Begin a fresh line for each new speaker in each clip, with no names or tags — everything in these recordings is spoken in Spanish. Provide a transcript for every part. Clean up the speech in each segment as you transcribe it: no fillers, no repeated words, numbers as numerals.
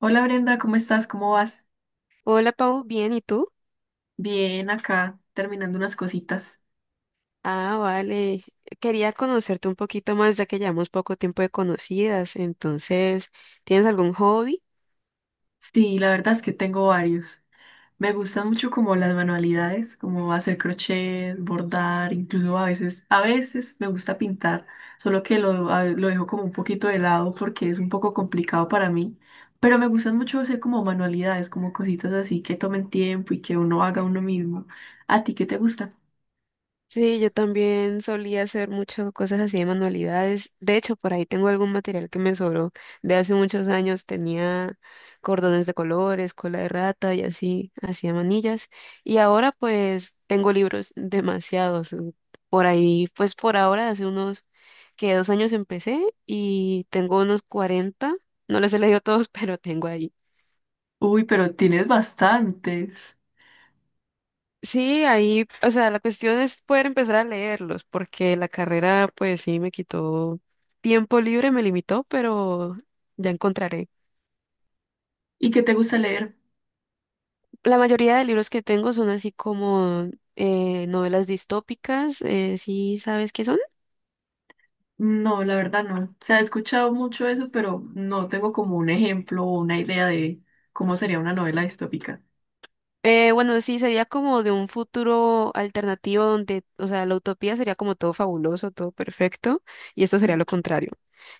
Hola Brenda, ¿cómo estás? ¿Cómo vas?
Hola Pau, bien, ¿y tú?
Bien, acá terminando unas cositas.
Ah, vale. Quería conocerte un poquito más ya que llevamos poco tiempo de conocidas. Entonces, ¿tienes algún hobby?
Sí, la verdad es que tengo varios. Me gustan mucho como las manualidades, como hacer crochet, bordar, incluso a veces me gusta pintar, solo que lo dejo como un poquito de lado porque es un poco complicado para mí. Pero me gustan mucho hacer como manualidades, como cositas así que tomen tiempo y que uno haga uno mismo. ¿A ti qué te gusta?
Sí, yo también solía hacer muchas cosas así de manualidades. De hecho, por ahí tengo algún material que me sobró de hace muchos años. Tenía cordones de colores, cola de rata y así, hacía manillas. Y ahora pues tengo libros demasiados. Por ahí, pues por ahora, hace unos que 2 años empecé y tengo unos 40. No les he leído todos, pero tengo ahí.
Uy, pero tienes bastantes.
Sí, ahí, o sea, la cuestión es poder empezar a leerlos, porque la carrera, pues sí, me quitó tiempo libre, me limitó, pero ya encontraré.
¿Y qué te gusta leer?
La mayoría de libros que tengo son así como novelas distópicas, ¿sí sabes qué son?
No, la verdad no. O sea, he escuchado mucho eso, pero no tengo como un ejemplo o una idea de cómo sería una novela distópica.
Bueno, sí, sería como de un futuro alternativo donde, o sea, la utopía sería como todo fabuloso, todo perfecto, y esto sería lo contrario.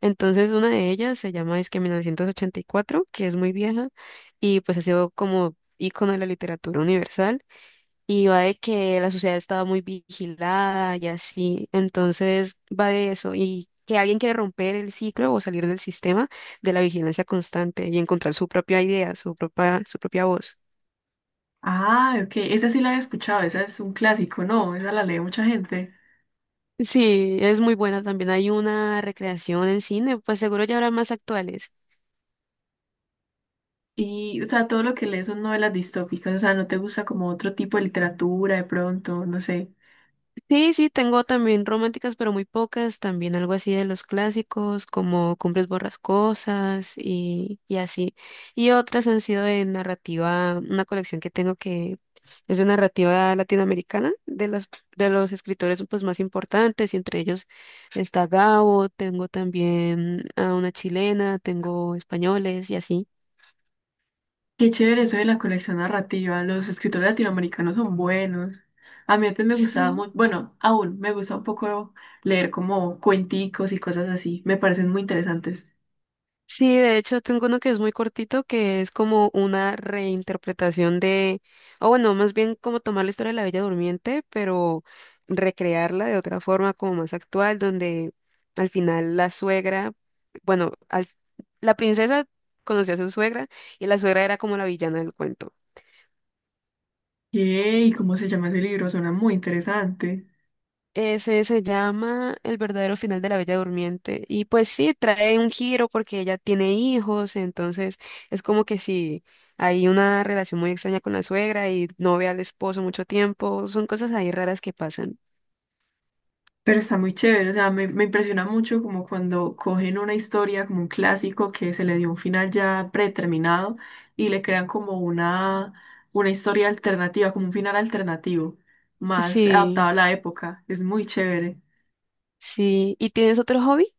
Entonces, una de ellas se llama es que 1984, que es muy vieja, y pues ha sido como ícono de la literatura universal, y va de que la sociedad estaba muy vigilada y así, entonces va de eso, y que alguien quiere romper el ciclo o salir del sistema de la vigilancia constante y encontrar su propia idea, su propia voz.
Ah, ok, esa sí la he escuchado, esa es un clásico, ¿no? Esa la lee mucha gente.
Sí, es muy buena también. Hay una recreación en cine, pues seguro ya habrá más actuales.
Y, o sea, todo lo que lees son novelas distópicas, o sea, no te gusta como otro tipo de literatura de pronto, no sé.
Sí, sí, tengo también románticas, pero muy pocas. También algo así de los clásicos, como Cumbres Borrascosas y así. Y otras han sido de narrativa, una colección que tengo que es de narrativa latinoamericana, de los escritores pues, más importantes, y entre ellos está Gabo, tengo también a una chilena, tengo españoles y así.
Qué chévere eso de la colección narrativa, los escritores latinoamericanos son buenos. A mí antes me gustaba
Sí.
mucho, bueno, aún me gusta un poco leer como cuenticos y cosas así, me parecen muy interesantes.
Sí, de hecho tengo uno que es muy cortito, que es como una reinterpretación o bueno, más bien como tomar la historia de la Bella Durmiente, pero recrearla de otra forma como más actual, donde al final la suegra, bueno, la princesa conocía a su suegra y la suegra era como la villana del cuento.
Yay, ¿cómo se llama ese libro? Suena muy interesante.
Ese se llama El verdadero final de la Bella Durmiente. Y pues sí, trae un giro porque ella tiene hijos, entonces es como que si hay una relación muy extraña con la suegra y no ve al esposo mucho tiempo, son cosas ahí raras que pasan.
Pero está muy chévere, o sea, me impresiona mucho como cuando cogen una historia, como un clásico que se le dio un final ya predeterminado y le crean como una historia alternativa, como un final alternativo, más adaptado
Sí,
a la época. Es muy chévere.
sí. ¿Y tienes otro hobby?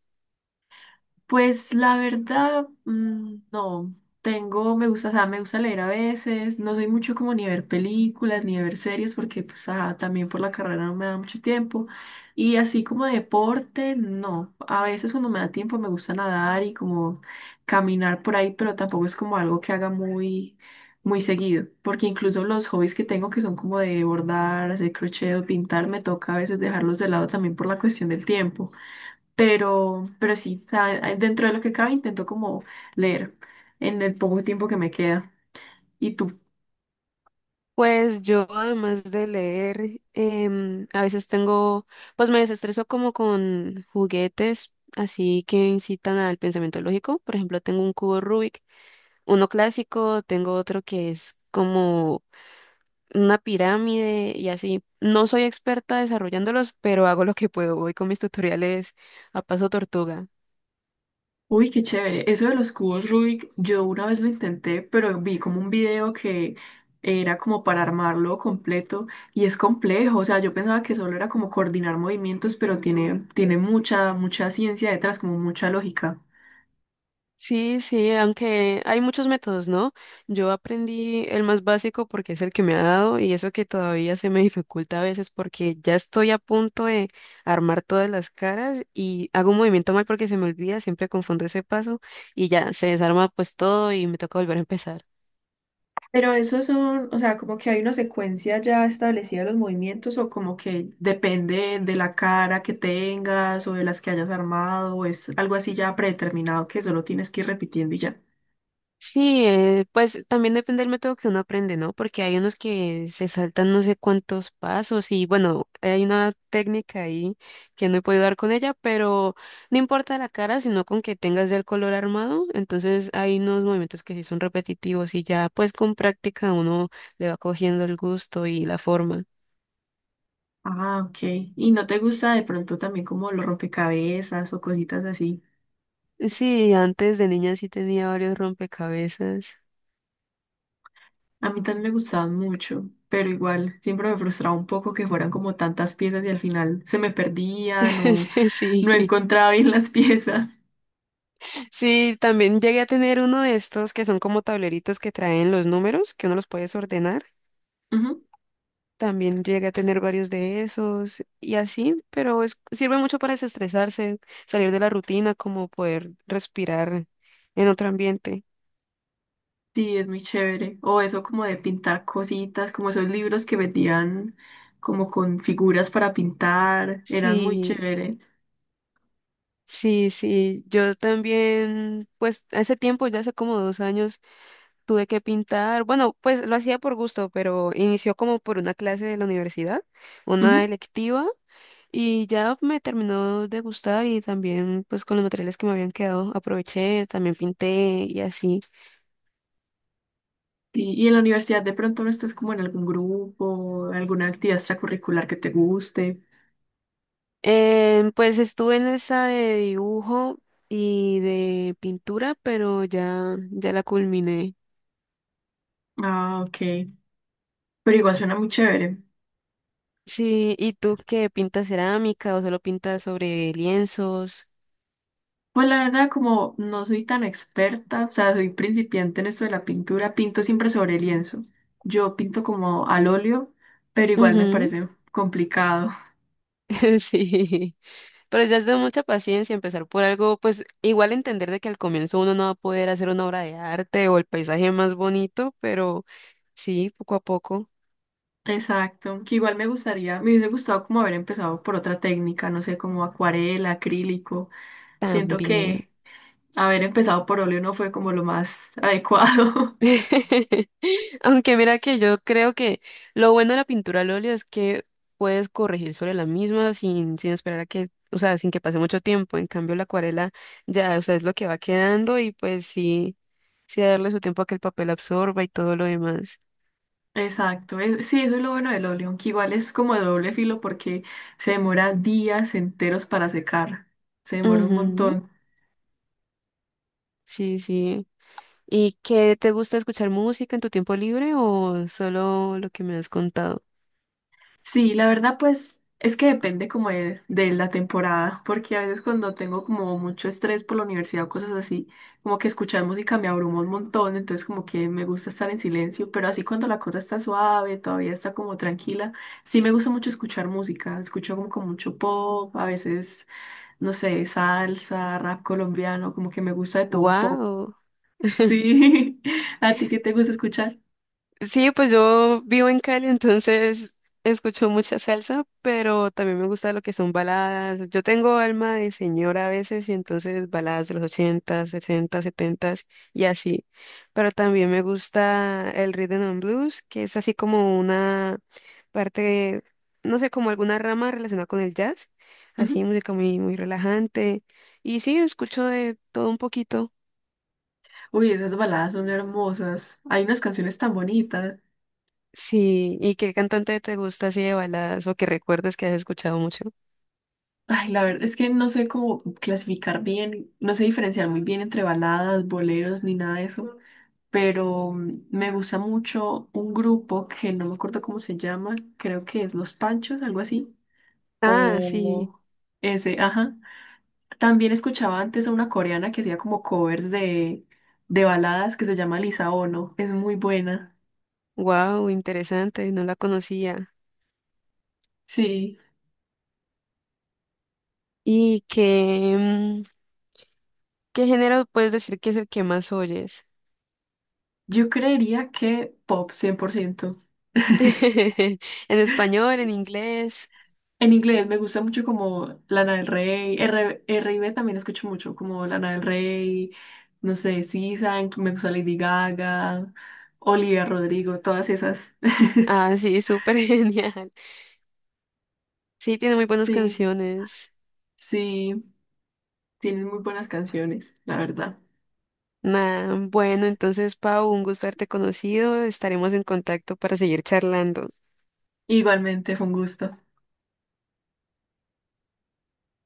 Pues la verdad, no. Tengo, me gusta, o sea, me gusta leer a veces. No soy mucho como ni ver películas ni ver series porque pues también por la carrera no me da mucho tiempo. Y así como deporte, no. A veces cuando me da tiempo me gusta nadar y como caminar por ahí, pero tampoco es como algo que haga muy, muy seguido. Porque incluso los hobbies que tengo que son como de bordar, hacer crochet o pintar, me toca a veces dejarlos de lado también por la cuestión del tiempo. Pero sí, o sea, dentro de lo que cabe intento como leer en el poco tiempo que me queda. ¿Y tú?
Pues yo además de leer, a veces pues me desestreso como con juguetes, así que incitan al pensamiento lógico. Por ejemplo, tengo un cubo Rubik uno clásico, tengo otro que es como una pirámide y así. No soy experta desarrollándolos, pero hago lo que puedo. Voy con mis tutoriales a paso tortuga.
Uy, qué chévere. Eso de los cubos Rubik, yo una vez lo intenté, pero vi como un video que era como para armarlo completo y es complejo. O sea, yo pensaba que solo era como coordinar movimientos, pero tiene mucha, mucha ciencia detrás, como mucha lógica.
Sí, sí, aunque hay muchos métodos, ¿no? Yo aprendí el más básico porque es el que me ha dado y eso que todavía se me dificulta a veces porque ya estoy a punto de armar todas las caras y hago un movimiento mal porque se me olvida, siempre confundo ese paso y ya se desarma pues todo y me toca volver a empezar.
Pero esos son, o sea, como que hay una secuencia ya establecida de los movimientos o como que depende de la cara que tengas o de las que hayas armado o es algo así ya predeterminado que solo tienes que ir repitiendo y ya.
Sí, pues también depende del método que uno aprende, ¿no? Porque hay unos que se saltan no sé cuántos pasos y bueno, hay una técnica ahí que no he podido dar con ella, pero no importa la cara, sino con que tengas ya el color armado, entonces hay unos movimientos que sí son repetitivos y ya pues con práctica uno le va cogiendo el gusto y la forma.
Ah, ok. ¿Y no te gusta de pronto también como los rompecabezas o cositas así?
Sí, antes de niña sí tenía varios rompecabezas.
A mí también me gustaban mucho, pero igual siempre me frustraba un poco que fueran como tantas piezas y al final se me perdían o
Sí,
no
sí.
encontraba bien las piezas.
Sí, también llegué a tener uno de estos que son como tableritos que traen los números, que uno los puedes ordenar.
Ujú.
También llegué a tener varios de esos y así, pero sirve mucho para desestresarse, salir de la rutina, como poder respirar en otro ambiente.
Sí, es muy chévere. O eso como de pintar cositas, como esos libros que vendían como con figuras para pintar, eran muy
Sí,
chéveres.
sí, sí. Yo también, pues hace tiempo, ya hace como 2 años, tuve que pintar. Bueno, pues lo hacía por gusto, pero inició como por una clase de la universidad, una
Ujú.
electiva. Y ya me terminó de gustar y también pues con los materiales que me habían quedado aproveché, también pinté y así.
Y en la universidad de pronto no estás como en algún grupo, alguna actividad extracurricular que te guste.
Pues estuve en esa de dibujo y de pintura, pero ya, ya la culminé.
Ah, ok. Pero igual suena muy chévere.
Sí, ¿y tú qué pintas cerámica o solo pintas sobre lienzos?
Pues la verdad, como no soy tan experta, o sea, soy principiante en esto de la pintura, pinto siempre sobre lienzo. Yo pinto como al óleo, pero igual me parece complicado.
Sí, pero ya es de mucha paciencia empezar por algo, pues igual entender de que al comienzo uno no va a poder hacer una obra de arte o el paisaje más bonito, pero sí, poco a poco
Exacto, que igual me gustaría, me hubiese gustado como haber empezado por otra técnica, no sé, como acuarela, acrílico. Siento
también.
que haber empezado por óleo no fue como lo más adecuado.
Aunque mira que yo creo que lo bueno de la pintura al óleo es que puedes corregir sobre la misma sin esperar a que, o sea, sin que pase mucho tiempo. En cambio, la acuarela ya, o sea, es lo que va quedando y pues sí, sí darle su tiempo a que el papel absorba y todo lo demás.
Exacto, sí, eso es lo bueno del óleo, que igual es como de doble filo porque se demora días enteros para secar, se demora un
Ujú.
montón.
Sí, sí. ¿Y qué te gusta escuchar música en tu tiempo libre o solo lo que me has contado?
Sí, la verdad, pues es que depende como de la temporada, porque a veces cuando tengo como mucho estrés por la universidad o cosas así, como que escuchar música me abruma un montón, entonces como que me gusta estar en silencio, pero así cuando la cosa está suave, todavía está como tranquila, sí me gusta mucho escuchar música, escucho como con mucho pop, a veces, no sé, salsa, rap colombiano, como que me gusta de todo un poco.
¡Wow!
Sí, ¿a ti qué te gusta escuchar?
Sí, pues yo vivo en Cali, entonces escucho mucha salsa, pero también me gusta lo que son baladas. Yo tengo alma de señora a veces, y entonces baladas de los 80, 60, 70 y así. Pero también me gusta el rhythm and blues, que es así como una parte, no sé, como alguna rama relacionada con el jazz. Así,
Ujú.
música muy, muy relajante. Y sí, escucho de todo un poquito.
Uy, esas baladas son hermosas. Hay unas canciones tan bonitas.
Sí, ¿y qué cantante te gusta así de baladas o que recuerdes que has escuchado mucho?
Ay, la verdad es que no sé cómo clasificar bien, no sé diferenciar muy bien entre baladas, boleros, ni nada de eso, pero me gusta mucho un grupo que no me acuerdo cómo se llama, creo que es Los Panchos, algo así,
Ah, sí,
o ese, ajá. También escuchaba antes a una coreana que hacía como covers de baladas que se llama Lisa Ono, es muy buena.
wow, interesante, no la conocía.
Sí,
¿Y qué, qué género puedes decir que es el que más oyes?
yo creería que pop 100%.
¿En español, en inglés?
En inglés me gusta mucho como Lana del Rey, R, R. R&B también escucho mucho, como Lana del Rey, no sé, SZA, me gusta Lady Gaga, Olivia Rodrigo, todas esas.
Ah, sí, súper genial. Sí, tiene muy buenas
Sí,
canciones.
sí, tienen muy buenas canciones, la verdad.
Nah, bueno, entonces, Pau, un gusto haberte conocido. Estaremos en contacto para seguir charlando.
Igualmente, fue un gusto.